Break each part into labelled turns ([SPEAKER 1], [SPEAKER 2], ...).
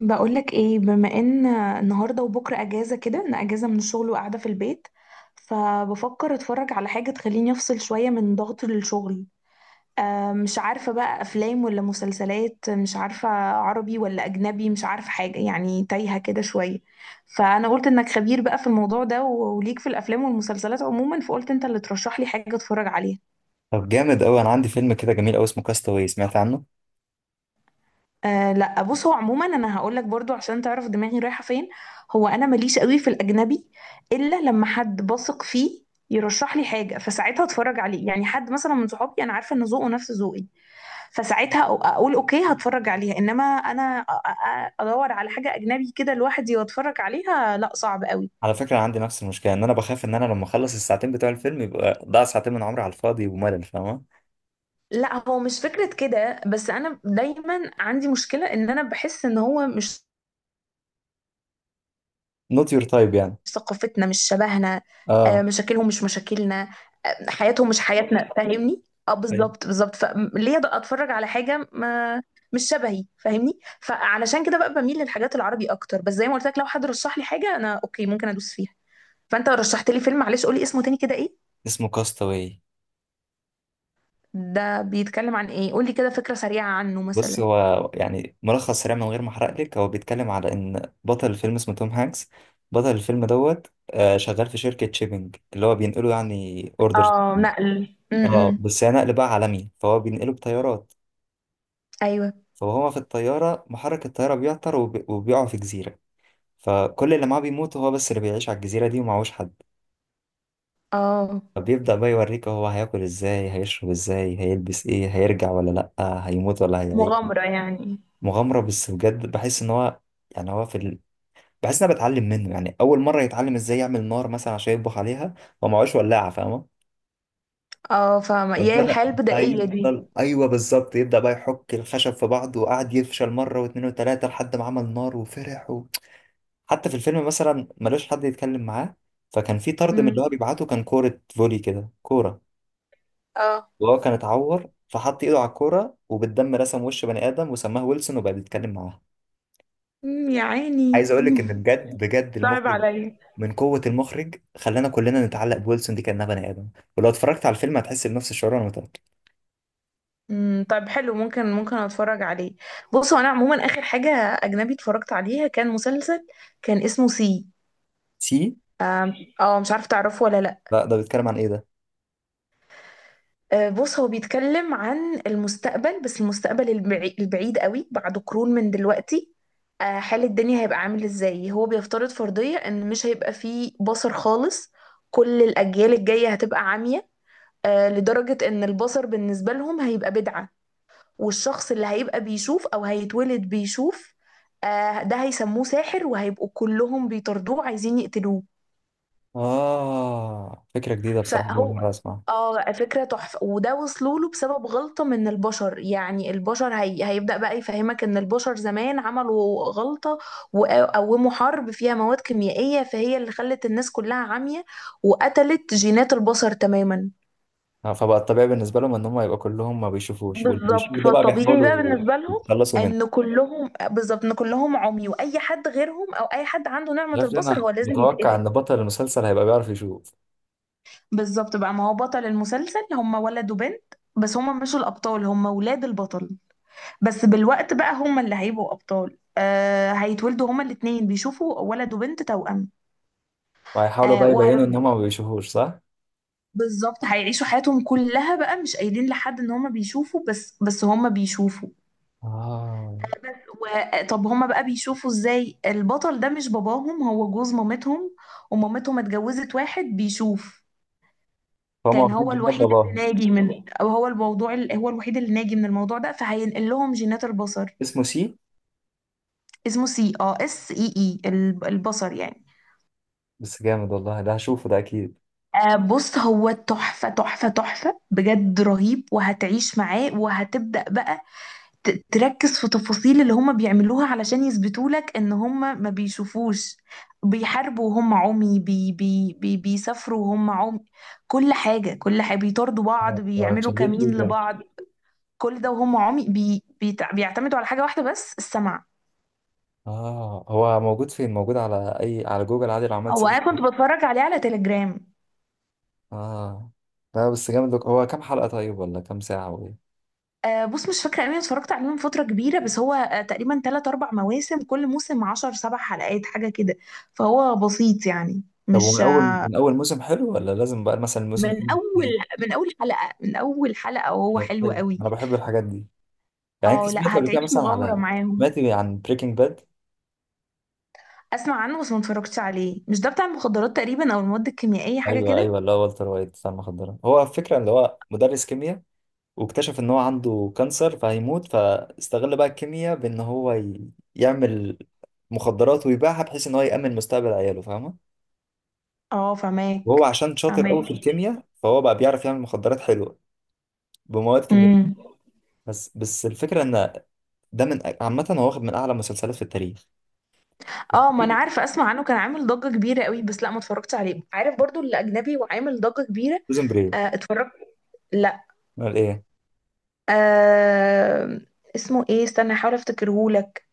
[SPEAKER 1] بقولك ايه، بما ان النهارده وبكره اجازه كده، انا اجازه من الشغل وقاعده في البيت. فبفكر اتفرج على حاجه تخليني افصل شويه من ضغط الشغل. آه، مش عارفه بقى، افلام ولا مسلسلات؟ مش عارفه. عربي ولا اجنبي؟ مش عارفه حاجه، يعني تايهه كده شويه. فانا قلت انك خبير بقى في الموضوع ده، وليك في الافلام والمسلسلات عموما، فقلت انت اللي ترشح لي حاجه اتفرج عليها.
[SPEAKER 2] طب جامد قوي، انا عندي فيلم كده جميل قوي اسمه كاستاوي. سمعت عنه؟
[SPEAKER 1] آه لا، بص، هو عموما انا هقول لك برضو عشان تعرف دماغي رايحه فين. هو انا ماليش قوي في الاجنبي الا لما حد بثق فيه يرشح لي حاجه، فساعتها اتفرج عليه. يعني حد مثلا من صحابي انا عارفه ان ذوقه نفس ذوقي، فساعتها اقول اوكي، هتفرج عليها. انما انا ادور على حاجه اجنبي كده لوحدي واتفرج عليها، لا، صعب قوي.
[SPEAKER 2] على فكره، عندي نفس المشكله، ان انا بخاف ان انا لما اخلص الساعتين بتوع الفيلم يبقى ضاع ساعتين من عمري على الفاضي وملل. فاهمه؟
[SPEAKER 1] لا، هو مش فكرة كده، بس أنا دايما عندي مشكلة، إن أنا بحس إن هو مش
[SPEAKER 2] نوت يور تايب يعني.
[SPEAKER 1] ثقافتنا، مش شبهنا. آه،
[SPEAKER 2] اه.
[SPEAKER 1] مشاكلهم مش مشاكلنا. آه، حياتهم مش حياتنا، فاهمني. اه
[SPEAKER 2] أيوة.
[SPEAKER 1] بالظبط بالظبط، فليه بقى اتفرج على حاجه ما مش شبهي، فاهمني؟ فعلشان كده بقى بميل للحاجات العربي اكتر، بس زي ما قلت لك لو حد رشح لي حاجه انا اوكي، ممكن ادوس فيها. فانت رشحت لي فيلم، معلش قولي اسمه تاني كده، ايه؟
[SPEAKER 2] اسمه كاستاوي.
[SPEAKER 1] ده بيتكلم عن ايه؟ قولي كده فكره سريعه عنه
[SPEAKER 2] بص
[SPEAKER 1] مثلا.
[SPEAKER 2] هو يعني ملخص سريع من غير ما احرق لك، هو بيتكلم على ان بطل الفيلم اسمه توم هانكس. بطل الفيلم دوت. شغال في شركه شيبنج اللي هو بينقله يعني اوردرز.
[SPEAKER 1] اه، نقل.
[SPEAKER 2] اه بس هي نقل بقى عالمي، فهو بينقله بطيارات.
[SPEAKER 1] ايوه.
[SPEAKER 2] فهو في الطياره محرك الطياره بيعطل وبيقع في جزيره. فكل اللي معاه بيموت، هو بس اللي بيعيش على الجزيرة دي ومعهوش حد.
[SPEAKER 1] اه.
[SPEAKER 2] فبيبدأ بقى يوريك هو هياكل ازاي، هيشرب ازاي، هيلبس ايه، هيرجع ولا لأ، هيموت ولا هيعيد.
[SPEAKER 1] مغامرة يعني.
[SPEAKER 2] مغامرة بس بجد بحس ان هو يعني هو في ال... بحس ان انا بتعلم منه. يعني اول مرة يتعلم ازاي يعمل نار مثلا عشان يطبخ عليها، هو معهوش ولاعة. فاهمة؟
[SPEAKER 1] اه فاهمه، يا
[SPEAKER 2] فبدأ
[SPEAKER 1] الحياه البدائيه دي.
[SPEAKER 2] هيفضل ايوه بالظبط، يبدأ بقى يحك الخشب في بعض وقعد يفشل مرة واتنين وتلاتة لحد ما عمل نار وفرح. حتى في الفيلم مثلا ملوش حد يتكلم معاه، فكان في طرد من اللي
[SPEAKER 1] امم.
[SPEAKER 2] هو بيبعته كان كورة فولي كده، كورة.
[SPEAKER 1] اه.
[SPEAKER 2] وهو كان اتعور فحط ايده على الكورة وبالدم رسم وش بني آدم وسماه ويلسون وبقى بيتكلم معاه.
[SPEAKER 1] يا عيني
[SPEAKER 2] عايز اقول لك ان بجد بجد
[SPEAKER 1] صعب
[SPEAKER 2] المخرج،
[SPEAKER 1] عليا.
[SPEAKER 2] من قوة المخرج خلانا كلنا نتعلق بويلسون دي كأنها بني آدم. ولو اتفرجت على الفيلم هتحس بنفس الشعور، انا متأكد.
[SPEAKER 1] امم، طيب، حلو، ممكن ممكن اتفرج عليه. بصوا، انا عموما اخر حاجه اجنبي اتفرجت عليها كان مسلسل، كان اسمه سي.
[SPEAKER 2] سي؟
[SPEAKER 1] آم، اه، مش عارفه تعرفه ولا لا.
[SPEAKER 2] لا، ده بيتكلم عن ايه ده؟
[SPEAKER 1] آه، بص، هو بيتكلم عن المستقبل، بس المستقبل البعيد قوي، بعد قرون من دلوقتي. آه، حال الدنيا هيبقى عامل ازاي. هو بيفترض فرضيه ان مش هيبقى فيه بصر خالص. كل الاجيال الجايه هتبقى عمية. آه، لدرجه ان البصر بالنسبه لهم هيبقى بدعه. والشخص اللي هيبقى بيشوف او هيتولد بيشوف، آه، ده هيسموه ساحر، وهيبقوا كلهم بيطاردوه عايزين يقتلوه.
[SPEAKER 2] اه فكرة جديدة بصراحة، أول
[SPEAKER 1] فهو،
[SPEAKER 2] مرة أسمعها.
[SPEAKER 1] اه فكرة تحفة، وده وصلوا له بسبب غلطة من البشر. يعني البشر هيبدأ بقى يفهمك ان البشر زمان عملوا غلطة، وقوموا حرب فيها مواد كيميائية، فهي اللي خلت الناس كلها عمية، وقتلت جينات البشر تماما.
[SPEAKER 2] آه، فبقى الطبيعي بالنسبة لهم إن هم يبقى كلهم ما بيشوفوش، واللي بيشوف
[SPEAKER 1] بالظبط،
[SPEAKER 2] ده بقى
[SPEAKER 1] فالطبيعي بقى
[SPEAKER 2] بيحاولوا
[SPEAKER 1] بالنسبة لهم
[SPEAKER 2] يتخلصوا منه.
[SPEAKER 1] ان كلهم، بالظبط ان كلهم عمي، واي حد غيرهم او اي حد عنده نعمة
[SPEAKER 2] شايف ليه
[SPEAKER 1] البصر
[SPEAKER 2] انا
[SPEAKER 1] هو لازم
[SPEAKER 2] متوقع ان
[SPEAKER 1] يتقتل.
[SPEAKER 2] بطل المسلسل هيبقى بيعرف يشوف؟
[SPEAKER 1] بالظبط بقى، ما هو بطل المسلسل هم ولد وبنت، بس هم مش الابطال، هم ولاد البطل. بس بالوقت بقى هم اللي هيبقوا ابطال. آه، هيتولدوا هما الاتنين بيشوفوا، ولد وبنت توأم.
[SPEAKER 2] وهيحاولوا
[SPEAKER 1] آه
[SPEAKER 2] بقى يبينوا ان
[SPEAKER 1] وهيفضل،
[SPEAKER 2] هما ما بيشوفوش، صح؟
[SPEAKER 1] بالظبط، هيعيشوا حياتهم كلها بقى مش قايلين لحد ان هما بيشوفوا، بس هما بيشوفوا.
[SPEAKER 2] اه،
[SPEAKER 1] بس و... طب هما بقى بيشوفوا ازاي؟ البطل ده مش باباهم، هو جوز مامتهم، ومامتهم اتجوزت واحد بيشوف.
[SPEAKER 2] فهم
[SPEAKER 1] كان
[SPEAKER 2] واخدين
[SPEAKER 1] هو
[SPEAKER 2] جناب
[SPEAKER 1] الوحيد
[SPEAKER 2] باباهم.
[SPEAKER 1] اللي ناجي من، او هو هو الوحيد اللي ناجي من الموضوع ده، فهينقل لهم جينات البصر.
[SPEAKER 2] اسمه سي؟
[SPEAKER 1] اسمه سي، اه، اس اي اي، البصر يعني.
[SPEAKER 2] بس جامد والله، ده هشوفه ده اكيد.
[SPEAKER 1] آه بص، هو تحفة تحفة تحفة بجد، رهيب، وهتعيش معاه، وهتبدأ بقى تركز في تفاصيل اللي هم بيعملوها علشان يثبتوا لك ان هم ما بيشوفوش. بيحاربوا وهم عمي، بي بي بي بيسافروا وهم عمي. كل حاجة كل حاجة، بيطاردوا بعض،
[SPEAKER 2] آه،
[SPEAKER 1] بيعملوا
[SPEAKER 2] اتشددت ليه
[SPEAKER 1] كمين
[SPEAKER 2] كده؟
[SPEAKER 1] لبعض. كل ده وهم عمي، بيعتمدوا على حاجة واحدة بس، السمع.
[SPEAKER 2] اه هو موجود فين؟ موجود على اي، على جوجل عادي لو عملت
[SPEAKER 1] هو
[SPEAKER 2] سيرش
[SPEAKER 1] انا كنت
[SPEAKER 2] فيه؟
[SPEAKER 1] بتفرج عليه على تليجرام.
[SPEAKER 2] اه. لا بس جامد لك. هو كام حلقة طيب، ولا كام ساعة، وايه؟
[SPEAKER 1] آه بص، مش فاكرة، اني اتفرجت عليه من فترة كبيرة، بس هو آه تقريبا تلات أربع مواسم، كل موسم عشر سبع حلقات حاجة كده. فهو بسيط يعني،
[SPEAKER 2] طب
[SPEAKER 1] مش.
[SPEAKER 2] ومن اول موسم حلو ولا لازم بقى مثلا الموسم
[SPEAKER 1] من
[SPEAKER 2] حلو
[SPEAKER 1] اول،
[SPEAKER 2] التاني؟
[SPEAKER 1] من اول حلقه، من اول حلقه وهو
[SPEAKER 2] طب
[SPEAKER 1] حلو
[SPEAKER 2] حلو،
[SPEAKER 1] قوي.
[SPEAKER 2] انا بحب الحاجات دي. يعني انت
[SPEAKER 1] اه
[SPEAKER 2] سمعت
[SPEAKER 1] لا،
[SPEAKER 2] قبل
[SPEAKER 1] هتعيش
[SPEAKER 2] كده مثلا
[SPEAKER 1] مغامره
[SPEAKER 2] على،
[SPEAKER 1] معاهم.
[SPEAKER 2] سمعت عن بريكنج باد؟
[SPEAKER 1] اسمع عنه بس ما اتفرجتش عليه. مش ده بتاع المخدرات تقريبا، او المواد الكيميائيه، حاجه
[SPEAKER 2] ايوه
[SPEAKER 1] كده؟
[SPEAKER 2] ايوه اللي هو والتر وايت بتاع المخدرات. هو الفكره اللي هو مدرس كيمياء، واكتشف ان هو عنده كانسر فهيموت، فاستغل بقى الكيمياء بان هو يعمل مخدرات ويبيعها، بحيث ان هو يامن مستقبل عياله. فاهمه؟
[SPEAKER 1] اه،
[SPEAKER 2] وهو
[SPEAKER 1] فماك.
[SPEAKER 2] عشان شاطر قوي
[SPEAKER 1] فماك.
[SPEAKER 2] في الكيمياء فهو بقى بيعرف يعمل مخدرات حلوه بمواد كيميائيه.
[SPEAKER 1] امم.
[SPEAKER 2] بس الفكره ان ده من عامه هو واخد من اعلى مسلسلات في التاريخ.
[SPEAKER 1] اه، ما انا عارفه، اسمع عنه كان عامل ضجه كبيره قوي، بس لا ما اتفرجتش عليه. عارف برضو اللي اجنبي وعامل ضجه كبيره.
[SPEAKER 2] بريزون بريك؟
[SPEAKER 1] آه اتفرجت. لا.
[SPEAKER 2] امال ايه؟
[SPEAKER 1] آه. اسمه ايه، استنى احاول افتكرهولك.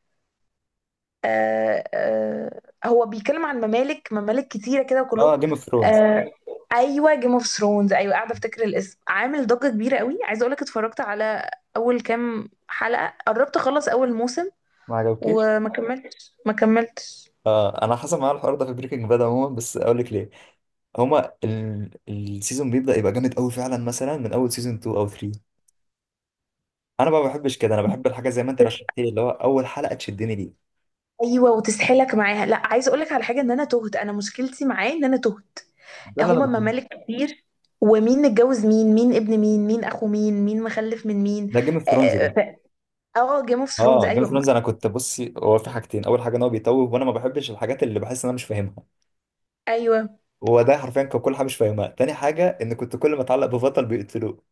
[SPEAKER 1] آه آه. هو بيتكلم عن ممالك، ممالك كتيرة كده،
[SPEAKER 2] اه
[SPEAKER 1] وكلهم.
[SPEAKER 2] جيم اوف ثرونز.
[SPEAKER 1] آه. ايوه، جيم اوف ثرونز، ايوه، قاعده افتكر الاسم. عامل ضجه كبيره قوي. عايزه اقولك اتفرجت على اول كام حلقه، قربت اخلص اول موسم،
[SPEAKER 2] ما عجبكيش؟
[SPEAKER 1] وما كملتش، ما كملتش.
[SPEAKER 2] اه انا حصل معايا الحوار ده في بريكنج باد عموما، بس اقول لك ليه. هما ال... السيزون بيبدأ يبقى جامد قوي فعلا مثلا من اول سيزون 2 او 3. انا بقى ما بحبش كده، انا بحب الحاجه زي ما انت
[SPEAKER 1] بس.
[SPEAKER 2] رشحت لي، اللي هو اول حلقه تشدني ليه.
[SPEAKER 1] ايوه، وتسحلك معاها. لا، عايزه اقولك على حاجه، ان انا تهت، انا مشكلتي معاه ان انا تهت.
[SPEAKER 2] ده اللي انا
[SPEAKER 1] هما
[SPEAKER 2] بحبه.
[SPEAKER 1] ممالك كتير، ومين متجوز مين، مين ابن مين، مين اخو مين، مين مخلف من مين.
[SPEAKER 2] ده جيم اوف ثرونز ده؟
[SPEAKER 1] اه، جيم اوف ثرونز،
[SPEAKER 2] اه جيم اوف
[SPEAKER 1] ايوه.
[SPEAKER 2] ثرونز، انا كنت بصي هو في حاجتين. اول حاجه ان هو بيتوه وانا ما بحبش الحاجات اللي بحس ان انا مش فاهمها،
[SPEAKER 1] ايوه.
[SPEAKER 2] هو ده حرفيا كان كل حاجه مش فاهمها. تاني حاجه ان كنت كل ما اتعلق ببطل بيقتلوه.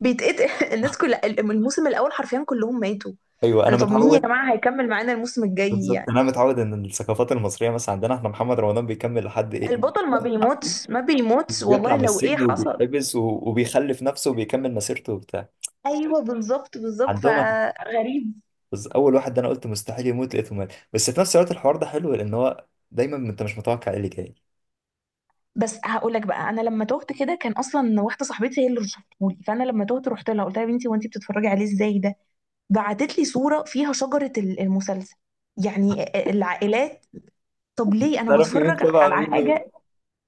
[SPEAKER 1] بيتقطع الناس كلها من الموسم الاول حرفيا كلهم ماتوا.
[SPEAKER 2] ايوه انا
[SPEAKER 1] انا، طب مين يا
[SPEAKER 2] متعود.
[SPEAKER 1] جماعه هيكمل معانا الموسم الجاي
[SPEAKER 2] بالظبط،
[SPEAKER 1] يعني؟
[SPEAKER 2] انا متعود ان الثقافات المصريه مثلا عندنا احنا محمد رمضان بيكمل لحد ايه،
[SPEAKER 1] البطل ما بيموتش، ما بيموتش
[SPEAKER 2] بيطلع
[SPEAKER 1] والله،
[SPEAKER 2] من
[SPEAKER 1] لو ايه
[SPEAKER 2] السجن
[SPEAKER 1] حصل.
[SPEAKER 2] وبيتحبس وبيخلف نفسه وبيكمل مسيرته وبتاع.
[SPEAKER 1] ايوه بالظبط بالظبط،
[SPEAKER 2] عندهم هت-.
[SPEAKER 1] فغريب.
[SPEAKER 2] بس اول واحد ده انا قلت مستحيل يموت لقيته مات. بس في نفس الوقت الحوار ده حلو لان هو دايما انت مش متوقع ايه اللي جاي.
[SPEAKER 1] بس هقول لك بقى، انا لما تهت كده كان اصلا واحده صاحبتي هي اللي رشحتهولي، فانا لما تهت رحت لها قلت لها: يا بنتي، هو انت بتتفرجي عليه ازاي ده؟ بعتت لي صوره فيها شجره المسلسل، يعني، العائلات. طب ليه انا
[SPEAKER 2] تعرف
[SPEAKER 1] بتفرج
[SPEAKER 2] مين تبع
[SPEAKER 1] على
[SPEAKER 2] مين
[SPEAKER 1] حاجه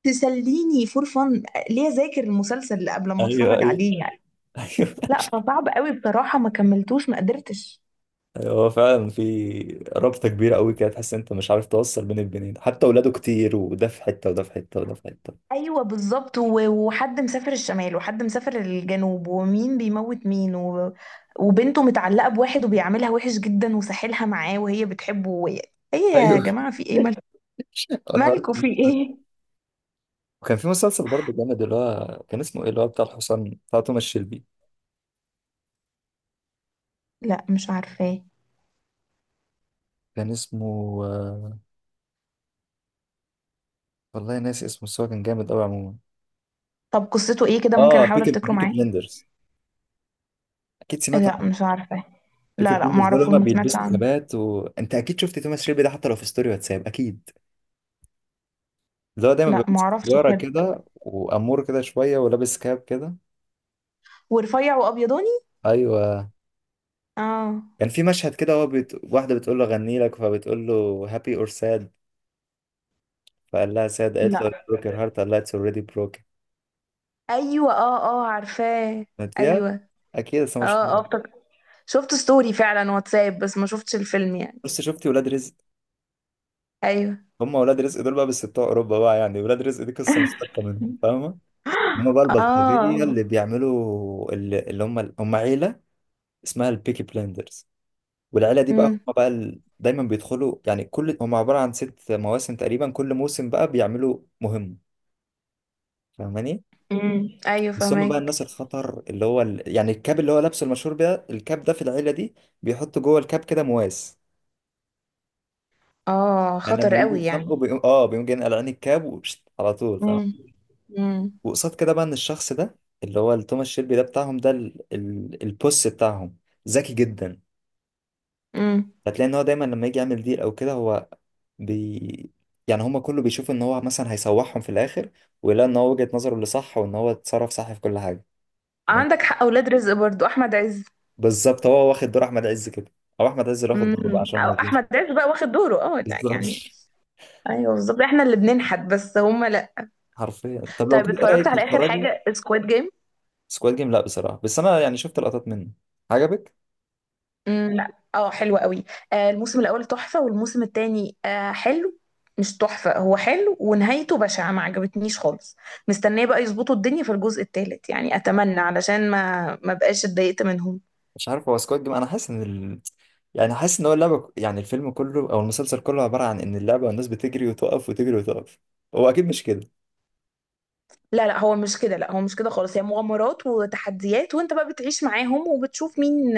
[SPEAKER 1] تسليني فور فن؟ ليه اذاكر المسلسل قبل ما
[SPEAKER 2] ايوه
[SPEAKER 1] اتفرج
[SPEAKER 2] ايوه
[SPEAKER 1] عليه يعني؟
[SPEAKER 2] ايوه.
[SPEAKER 1] لا، فصعب قوي بصراحة، ما كملتوش، ما قدرتش.
[SPEAKER 2] أيوة، هو فعلا في رابطه كبيره قوي كده تحس انت مش عارف توصل بين البنين، حتى اولاده كتير وده في حته وده في حته وده في حته.
[SPEAKER 1] ايوه بالظبط، وحد مسافر الشمال وحد مسافر الجنوب، ومين بيموت مين، و... وبنته متعلقة بواحد وبيعاملها وحش جدا وساحلها معاه وهي بتحبه وهي... ايه يا
[SPEAKER 2] ايوه.
[SPEAKER 1] جماعة، في ايه، مالكم؟
[SPEAKER 2] الحوار
[SPEAKER 1] مالكوا في
[SPEAKER 2] كبير شوية.
[SPEAKER 1] ايه؟
[SPEAKER 2] وكان في مسلسل برضه جامد، اللي هو كان اسمه ايه، اللي هو بتاع الحصان بتاع توماس شيلبي.
[SPEAKER 1] لا، مش عارفاه.
[SPEAKER 2] كان اسمه آه، والله ناسي اسمه، بس هو كان جامد قوي عموما.
[SPEAKER 1] طب قصته ايه كده، ممكن
[SPEAKER 2] اه
[SPEAKER 1] احاول
[SPEAKER 2] بيكي
[SPEAKER 1] افتكره
[SPEAKER 2] بيكي
[SPEAKER 1] معاه.
[SPEAKER 2] بلندرز. اكيد سمعت.
[SPEAKER 1] لا، مش عارفاه.
[SPEAKER 2] فكرة
[SPEAKER 1] لا لا،
[SPEAKER 2] بالنسبة له
[SPEAKER 1] معرفوش،
[SPEAKER 2] هما
[SPEAKER 1] ما سمعتش
[SPEAKER 2] بيلبسوا
[SPEAKER 1] عنه.
[SPEAKER 2] كبات، وانت اكيد شفت توماس شيلبي ده حتى لو في ستوري واتساب اكيد، اللي هو دايما
[SPEAKER 1] لا،
[SPEAKER 2] بيبقى ماسك
[SPEAKER 1] معرفش
[SPEAKER 2] سيجارة
[SPEAKER 1] بجد.
[SPEAKER 2] كده وامور كده شوية ولابس كاب كده.
[SPEAKER 1] ورفيع وابيضاني.
[SPEAKER 2] ايوه.
[SPEAKER 1] اه.
[SPEAKER 2] كان في مشهد كده هو واحدة بتقول له غني لك، فبتقول له هابي اور ساد، فقال لها ساد، قالت له
[SPEAKER 1] لا.
[SPEAKER 2] بروك يور هارت، قال لها اتس اوريدي بروك.
[SPEAKER 1] ايوه اه اه، عارفاه.
[SPEAKER 2] يا
[SPEAKER 1] ايوه.
[SPEAKER 2] اكيد، بس
[SPEAKER 1] اه
[SPEAKER 2] مش.
[SPEAKER 1] اه افتكرت، شفت ستوري فعلا واتساب، بس ما شفتش الفيلم يعني.
[SPEAKER 2] بس شفتي ولاد رزق؟
[SPEAKER 1] ايوه
[SPEAKER 2] هم ولاد رزق دول بقى بس بتوع اوروبا بقى. يعني ولاد رزق دي قصة مشتقة منهم، فاهمة؟ هم بقى البلطجية
[SPEAKER 1] اه.
[SPEAKER 2] اللي بيعملوا اللي هم هم عيلة اسمها البيكي بلندرز. والعيله دي بقى
[SPEAKER 1] امم.
[SPEAKER 2] هم بقى ال- دايما بيدخلوا، يعني كل هم عباره عن ست مواسم تقريبا، كل موسم بقى بيعملوا مهمه. فاهماني؟
[SPEAKER 1] ايوه،
[SPEAKER 2] بس هم بقى
[SPEAKER 1] فهمك.
[SPEAKER 2] الناس الخطر اللي هو ال... يعني الكاب اللي هو لابسه المشهور بيه الكاب ده في العيله دي بيحط جوه الكاب كده مواس.
[SPEAKER 1] اه،
[SPEAKER 2] يعني
[SPEAKER 1] خطر
[SPEAKER 2] لما بيجوا
[SPEAKER 1] قوي
[SPEAKER 2] يتخانقوا
[SPEAKER 1] يعني.
[SPEAKER 2] بيقوم اه بيقوم جاي قلعان الكاب وشت على طول، فاهم؟
[SPEAKER 1] امم. امم.
[SPEAKER 2] وقصاد كده بقى ان الشخص ده اللي هو توماس شيلبي ده بتاعهم ده ال... ال... البوس بتاعهم، ذكي جدا.
[SPEAKER 1] امم.
[SPEAKER 2] هتلاقي ان هو دايما لما يجي يعمل ديل او كده هو بي، يعني هما كله بيشوف ان هو مثلا هيسوحهم في الاخر، ويلاقي ان هو وجهة نظره اللي صح وان هو اتصرف صح في كل حاجة. تمام؟
[SPEAKER 1] عندك حق، اولاد رزق برضو، احمد عز.
[SPEAKER 2] بالظبط، هو واخد دور احمد عز كده، او احمد عز اللي واخد دوره بقى
[SPEAKER 1] امم.
[SPEAKER 2] عشان ما
[SPEAKER 1] او
[SPEAKER 2] نظلمش.
[SPEAKER 1] احمد عز بقى واخد دوره، اه لا
[SPEAKER 2] بالظبط.
[SPEAKER 1] يعني. ايوه بالظبط، احنا اللي بننحت بس هما لا.
[SPEAKER 2] حرفيا. طب لو
[SPEAKER 1] طيب،
[SPEAKER 2] كده ايه
[SPEAKER 1] اتفرجت
[SPEAKER 2] رايك
[SPEAKER 1] على اخر
[SPEAKER 2] تتفرجي؟
[SPEAKER 1] حاجه سكواد جيم.
[SPEAKER 2] سكواد جيم؟ لا بصراحة، بس انا يعني شفت لقطات منه. عجبك؟
[SPEAKER 1] امم. لا. اه، حلو قوي. آه، الموسم الاول تحفه، والموسم التاني آه حلو، مش تحفه، هو حلو ونهايته بشعه، ما عجبتنيش خالص. مستنيه بقى يظبطوا الدنيا في الجزء التالت يعني، اتمنى، علشان ما بقاش اتضايقت منهم.
[SPEAKER 2] مش عارف، هو سكواد جيم انا حاسس ان ال... يعني حاسس ان هو اللعبة، يعني الفيلم كله او المسلسل كله عبارة عن ان اللعبة والناس بتجري وتقف وتجري وتقف. هو اكيد مش كده.
[SPEAKER 1] لا لا، هو مش كده، لا هو مش كده خالص. هي مغامرات وتحديات، وانت بقى بتعيش معاهم وبتشوف مين،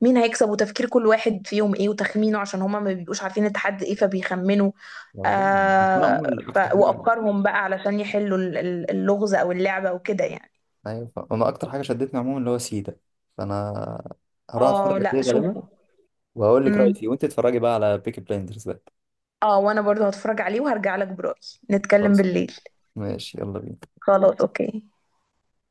[SPEAKER 1] مين هيكسب، وتفكير كل واحد فيهم ايه، وتخمينه، عشان هما ما بيبقوش عارفين التحدي ايه، فبيخمنوا.
[SPEAKER 2] هو جامد. بس انا
[SPEAKER 1] آه،
[SPEAKER 2] عموما اكتر حاجة،
[SPEAKER 1] وافكارهم بقى علشان يحلوا اللغز او اللعبة وكده يعني.
[SPEAKER 2] ايوه انا اكتر حاجه شدتني عموما اللي هو سيدا. فانا هروح
[SPEAKER 1] اه
[SPEAKER 2] اتفرج عليه
[SPEAKER 1] لا،
[SPEAKER 2] غالبا
[SPEAKER 1] شوفه.
[SPEAKER 2] وهقول لك رايي
[SPEAKER 1] امم.
[SPEAKER 2] فيه، وانت اتفرجي بقى على بيكي بلايندرز بقى.
[SPEAKER 1] اه، وانا برضو هتفرج عليه وهرجع لك برأيي. نتكلم
[SPEAKER 2] خلاص،
[SPEAKER 1] بالليل.
[SPEAKER 2] ماشي، يلا بينا.
[SPEAKER 1] خلاص اوكي.